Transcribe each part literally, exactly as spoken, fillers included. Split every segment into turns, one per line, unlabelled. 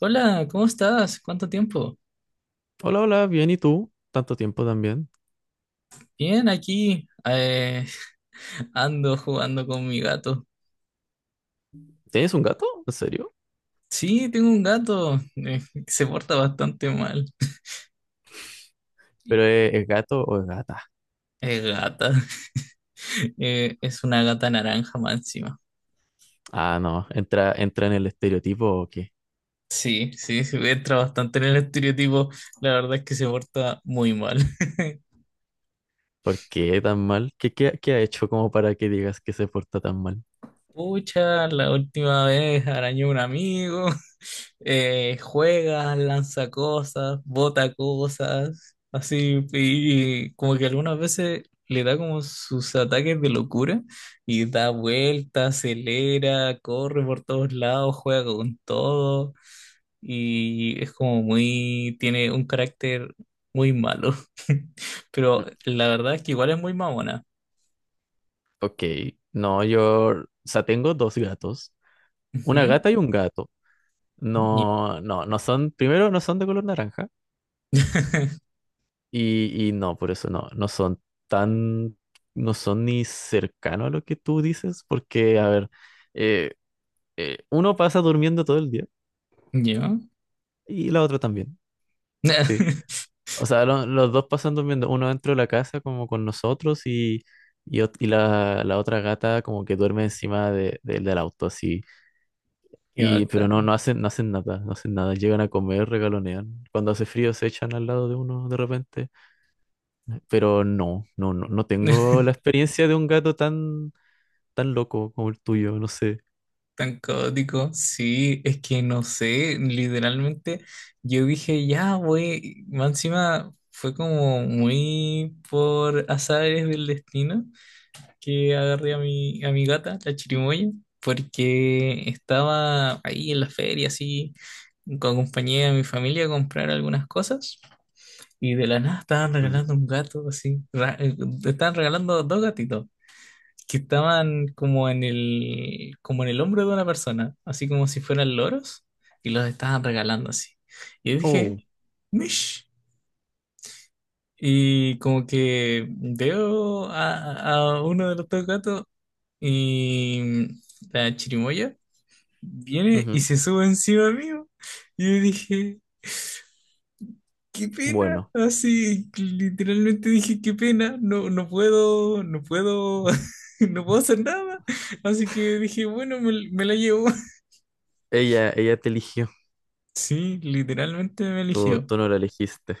Hola, ¿cómo estás? ¿Cuánto tiempo?
Hola, hola, bien, ¿y tú? Tanto tiempo también.
Bien, aquí eh, ando jugando con mi gato.
¿Tienes un gato? ¿En serio?
Sí, tengo un gato eh, que se porta bastante mal.
¿Pero es, es gato o es gata?
Es gata. Eh, es una gata naranja más encima.
Ah, no, entra, entra en el estereotipo o qué.
Sí, sí, sí, entra bastante en el estereotipo. La verdad es que se porta muy mal.
¿Por qué tan mal? ¿Qué, qué, qué ha hecho como para que digas que se porta tan mal?
Pucha, la última vez arañó un amigo, eh, juega, lanza cosas, bota cosas, así, y como que algunas veces le da como sus ataques de locura y da vueltas, acelera, corre por todos lados, juega con todo y es como muy, tiene un carácter muy malo, pero
Mm,
la verdad es que igual es muy mamona.
ok, no, yo, o sea, tengo dos gatos, una
Ujú.
gata y un gato.
Ya.
No, no, no son, primero no son de color naranja y, y no, por eso no, no son tan, no son ni cercano a lo que tú dices, porque, a ver, eh, eh, uno pasa durmiendo todo el día
Ya.
y la otra también, sí. O sea, lo- los dos pasan durmiendo, uno dentro de la casa como con nosotros y, y, ot- y la, la otra gata como que duerme encima de, de- del auto, así.
Qué
Y, pero no,
bacán.
no hacen, no hacen nada, no hacen nada, llegan a comer, regalonean. Cuando hace frío se echan al lado de uno de repente, pero no, no, no, no tengo la experiencia de un gato tan, tan loco como el tuyo, no sé.
Tan caótico. Sí, es que no sé, literalmente yo dije, ya, güey, más encima fue como muy por azares del destino que agarré a mi, a mi gata, la chirimoya, porque estaba ahí en la feria, así, co- acompañé a mi familia a comprar algunas cosas y de la nada estaban
Mm.
regalando un gato, así, ra- eh, estaban regalando dos gatitos. Que estaban como en el, como en el hombro de una persona, así como si fueran loros, y los estaban regalando así. Y yo
Oh,
dije, Mish. Y como que veo a, a uno de los dos gatos y la chirimoya viene y
ujú.
se sube encima mío. Y yo dije, qué pena.
Bueno,
Así, literalmente dije, qué pena, no, no puedo, no puedo, no puedo hacer nada. Así que dije, bueno, me, me la llevo.
ella, ella te eligió,
Sí, literalmente me
tú,
eligió.
tú no la elegiste.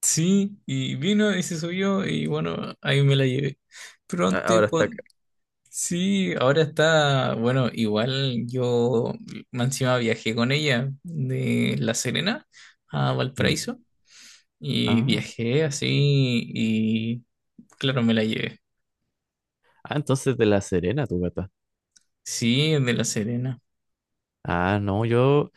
Sí, y vino y se subió y bueno, ahí me la llevé. Pero
A-
antes,
Ahora está acá.
cuan- sí, ahora está, bueno, igual yo más encima viajé con ella de La Serena a
Mm.
Valparaíso y
Ah,
viajé así y claro, me la llevé.
ah, entonces de La Serena, tu gata.
Sí, de La Serena.
Ah, no, yo.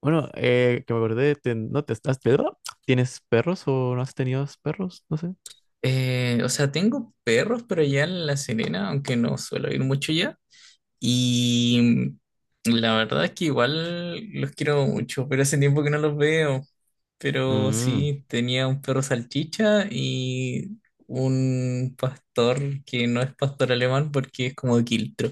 Bueno, eh, que me acordé, te- no te estás. ¿Tienes perros o no has tenido perros? No sé.
Eh, o sea, tengo perros, pero ya en La Serena, aunque no suelo ir mucho ya. Y la verdad es que igual los quiero mucho, pero hace tiempo que no los veo. Pero
Mm,
sí, tenía un perro salchicha y un pastor que no es pastor alemán porque es como de quiltro.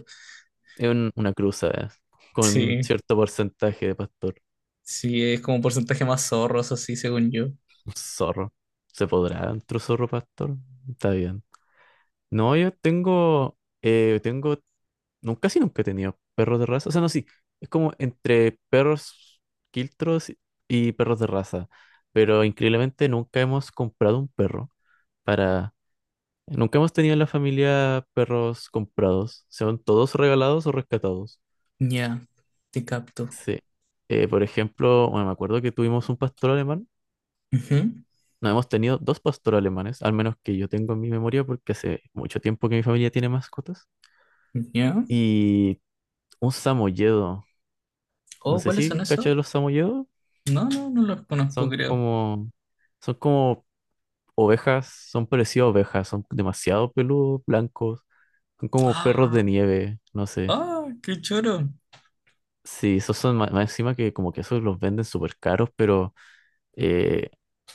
es un- una cruza, eh, con
Sí,
cierto porcentaje de pastor.
sí, es como porcentaje más zorros, así según yo.
Un zorro. ¿Se podrá otro zorro pastor? Está bien. No, yo tengo. eh, tengo Nunca, casi nunca he tenido perros de raza. O sea, no, sí. Es como entre perros quiltros y perros de raza. Pero increíblemente nunca hemos comprado un perro para. Nunca hemos tenido en la familia perros comprados. Son todos regalados o rescatados.
Ya, te capto.
Sí. Eh, por ejemplo, bueno, me acuerdo que tuvimos un pastor alemán.
Ujú,
No, hemos tenido dos pastores alemanes, al menos que yo tengo en mi memoria, porque hace mucho tiempo que mi familia tiene mascotas.
ya.
Y un samoyedo. No
Oh,
sé
¿cuáles son
si cachas
esos?
de los samoyedos.
No, no, no los conozco,
Son
creo.
como, son como ovejas, son parecidas a ovejas, son demasiado peludos, blancos, son como perros
Ah,
de nieve, no sé.
ah, qué choro.
Sí, esos son ma- más, encima que como que esos los venden súper caros, pero eh,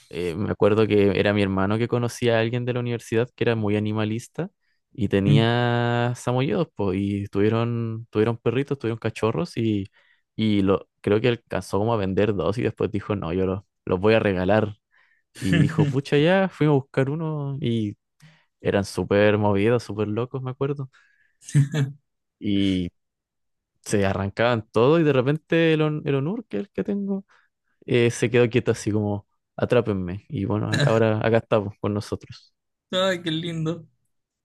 eh, me acuerdo que era mi hermano que conocía a alguien de la universidad que era muy animalista y tenía samoyedos, pues, y tuvieron, tuvieron perritos, tuvieron cachorros y, y lo, creo que alcanzó como a vender dos y después dijo, no, yo los, los voy a regalar. Y dijo, pucha, ya, fuimos a buscar uno y eran súper movidos, súper locos, me acuerdo. Y se arrancaban todo y de repente el, On- el Onur, que es el que tengo, eh, se quedó quieto así como, atrápenme. Y bueno, ac- ahora acá estamos con nosotros.
Ay, qué lindo.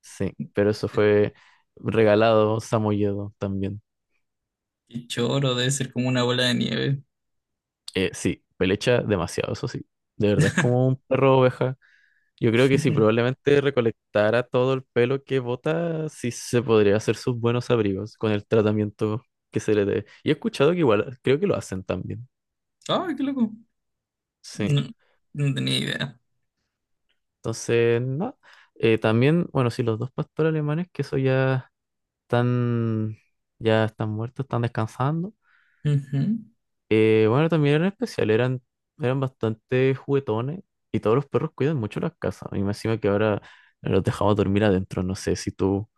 Sí, pero eso fue regalado, samoyedo también.
Qué choro, debe ser como una bola de nieve.
Eh, sí, pelecha demasiado, eso sí. De verdad, es como un perro oveja. Yo creo que si probablemente recolectara todo el pelo que bota, sí se podría hacer sus buenos abrigos con el tratamiento que se le dé. Y he escuchado que igual, creo que lo hacen también.
Ay, qué loco.
Sí.
No, no tenía idea.
Entonces, no. Eh, también, bueno, sí, los dos pastores alemanes, que eso ya están, ya están muertos, están descansando.
Ujú.
Eh, bueno, también eran especial, eran, eran bastante juguetones y todos los perros cuidan mucho las casas. Y me encima que ahora los dejamos dormir adentro, no sé si tú,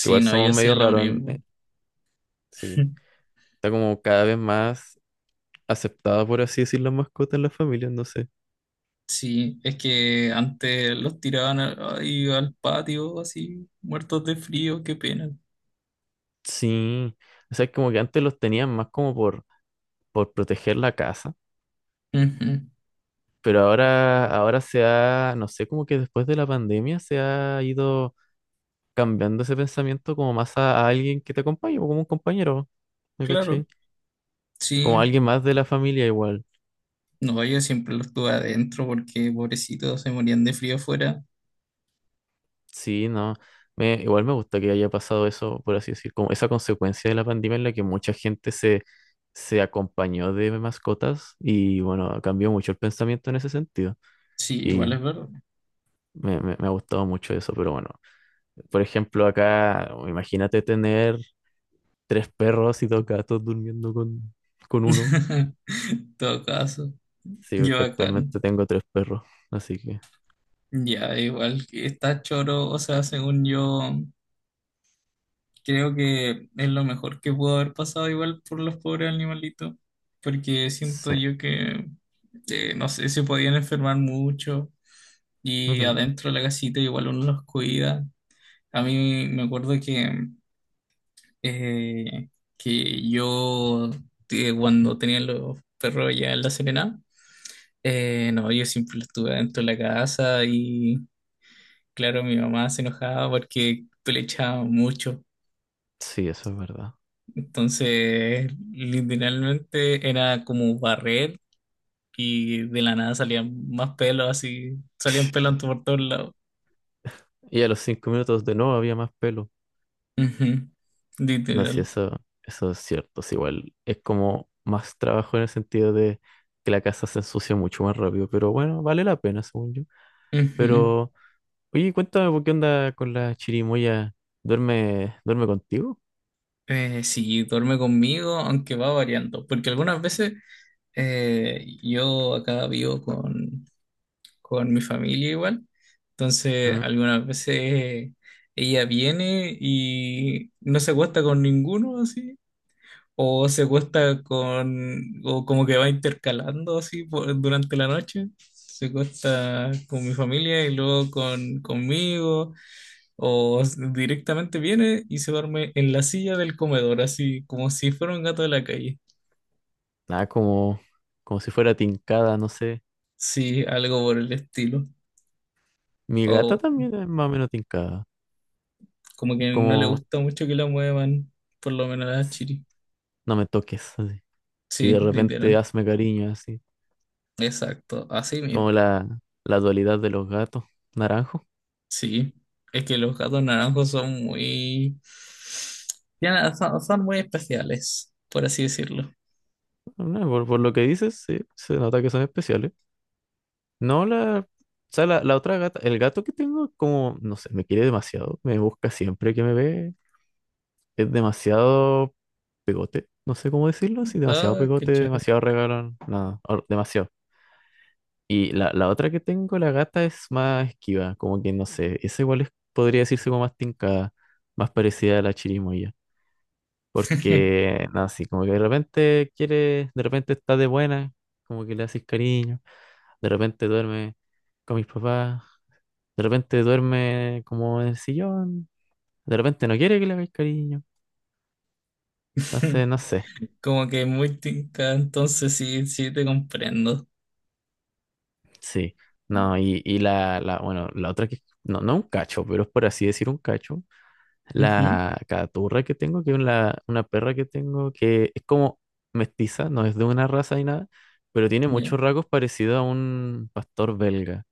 que igual
no,
somos
yo
medio
hacía lo
raros en- eh,
mismo.
sí. Está como cada vez más aceptada, por así decir, las mascotas en las familias, no sé.
Sí, es que antes los tiraban al, ahí al patio así, muertos de frío, qué pena.
Sí, o sea, como que antes los tenían más como por, por proteger la casa,
Ujú,
pero ahora, ahora se ha, no sé, como que después de la pandemia se ha ido cambiando ese pensamiento como más a, a alguien que te acompañe, o como un compañero, ¿me
claro,
cachai? Como
sí.
alguien más de la familia igual.
No, yo siempre los tuve adentro porque pobrecitos se morían de frío afuera.
Sí, no. Me, igual me gusta que haya pasado eso, por así decir, como esa consecuencia de la pandemia en la que mucha gente se, se acompañó de mascotas y bueno, cambió mucho el pensamiento en ese sentido.
Sí, igual es
Y
verdad.
me, me, me ha gustado mucho eso, pero bueno, por ejemplo, acá, imagínate tener tres perros y dos gatos durmiendo con, con uno.
En todo caso,
Sí,
yo
porque
bacán.
actualmente tengo tres perros, así que
Ya, igual que está choro, o sea, según yo, creo que es lo mejor que pudo haber pasado igual por los pobres animalitos, porque siento
sí.
yo que, eh, no sé, se podían enfermar mucho y
Ujú.
adentro de la casita igual uno los cuida. A mí me acuerdo que, eh, que yo, eh, cuando tenía los perros ya en La Serena, eh, no, yo siempre estuve dentro de la casa y claro, mi mamá se enojaba porque le echaba mucho.
Sí, eso es verdad.
Entonces, literalmente era como barrer y de la nada salían más pelos, así, salían pelos por todos lados.
Y a los cinco minutos de nuevo había más pelo.
Ujú,
No, sí,
literal.
eso, eso es cierto. Sí, igual es como más trabajo en el sentido de que la casa se ensucia mucho más rápido, pero bueno, vale la pena, según yo.
Ujú.
Pero, oye, cuéntame, ¿por qué onda con la chirimoya? ¿Duerme, duerme contigo?
Eh, sí, duerme conmigo, aunque va variando, porque algunas veces eh, yo acá vivo con con mi familia igual. Entonces,
Mm,
algunas veces ella viene y no se acuesta con ninguno así, o se acuesta con, o como que va intercalando así por- durante la noche. Se acuesta con mi familia y luego con, conmigo, o s- directamente viene y se duerme en la silla del comedor, así como si fuera un gato de la calle.
Nada, como, como si fuera tincada, no sé.
Sí, algo por el estilo.
Mi gata también es más o menos tincada.
Como
Es
que no le
como,
gusta mucho que la muevan, por lo menos a la
"Sss,
Chiri.
no me toques", así. Y
Sí,
de repente
literal.
hazme cariño, así.
Exacto, así
Como
mismo.
la, la dualidad de los gatos, naranjo.
Sí, es que los gatos naranjos son muy... tienen- Son, son muy especiales, por así decirlo.
No, por, por lo que dices, sí, se nota que son especiales. No, la, o sea, la, la otra gata, el gato que tengo, como, no sé, me quiere demasiado, me busca siempre que me ve, es demasiado pegote, no sé cómo decirlo, así demasiado
Ah, qué
pegote,
choro.
demasiado regalón, nada or- demasiado. Y la, la otra que tengo, la gata, es más esquiva, como que, no sé, esa igual es- podría decirse como más tincada, más parecida a la chirimoya, porque, no, así, como que de repente quiere, de repente está de buena, como que le haces cariño. De repente duerme con mis papás. De repente duerme como en el sillón. De repente no quiere que le hagáis cariño. Entonces, no sé.
Como que muy tinca, entonces sí, sí te comprendo.
Sí. No, y, y la, la, bueno, la otra que, no, no un cacho, pero es por así decir un cacho.
Ujú,
La caturra que tengo, que es la- una perra que tengo, que es como mestiza, no es de una raza ni nada, pero tiene
ya.
muchos rasgos parecidos a un pastor belga.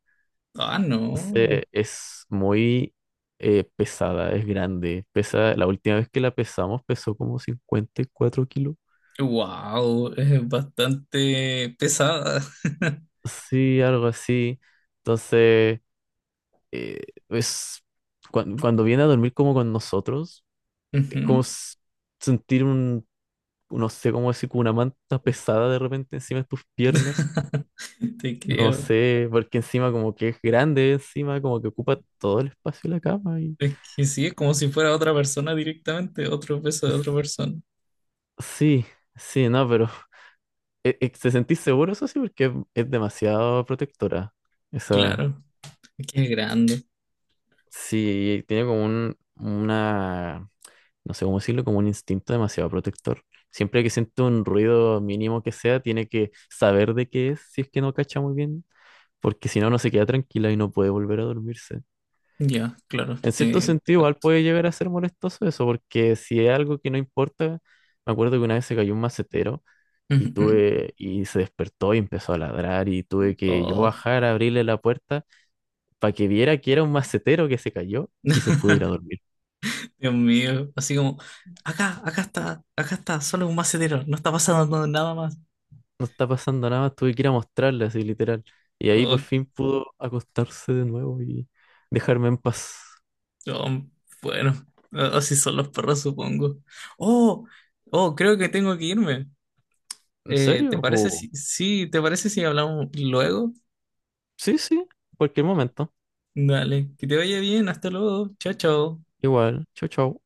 Ah, no.
Entonces, es muy eh, pesada, es grande. Pesa, la última vez que la pesamos pesó como cincuenta y cuatro kilos.
Wow, es bastante pesada.
Sí, algo así. Entonces, eh, es, cuan- cuando, viene a dormir como con nosotros, es como
Ujú.
s- sentir un, no sé cómo decir, como una manta pesada de repente encima de tus piernas.
Te
No
creo.
sé, porque encima como que es grande, encima como que ocupa todo el espacio de la cama. Y.
Es que sí, es como si fuera otra persona directamente, otro beso de otra
s-
persona.
Sí, sí, no, pero eh, eh, ¿te sentís seguro, eso sí? Porque es, es demasiado protectora. Esa,
Claro, es que es grande.
sí, tiene como un, una, no sé cómo decirlo, como un instinto demasiado protector. Siempre que siente un ruido mínimo que sea, tiene que saber de qué es, si es que no cacha muy bien, porque si no, no se queda tranquila y no puede volver a dormirse.
Ya, claro,
En cierto
te, te
sentido, igual
capto.
puede llegar a ser molestoso eso, porque si es algo que no importa, me acuerdo que una vez se cayó un macetero
Ujú,
y
ujú.
tuve, y se despertó y empezó a ladrar y tuve que yo
Oh,
bajar a abrirle la puerta para que viera que era un macetero que se cayó y se pudo ir a dormir.
Dios mío, así como, acá, acá está, acá está, solo un macetero, no está pasando nada más.
No está pasando nada, tuve que ir a mostrarle así literal. Y ahí por
Oh,
fin pudo acostarse de nuevo y dejarme en paz.
oh, bueno, así son los perros, supongo. Oh, oh, creo que tengo que irme.
¿En
Eh, ¿te
serio?
parece
Oh,
si, sí, te parece si hablamos luego?
sí, sí, cualquier momento.
Dale, que te vaya bien, hasta luego, chao, chao.
Igual, chau, chau.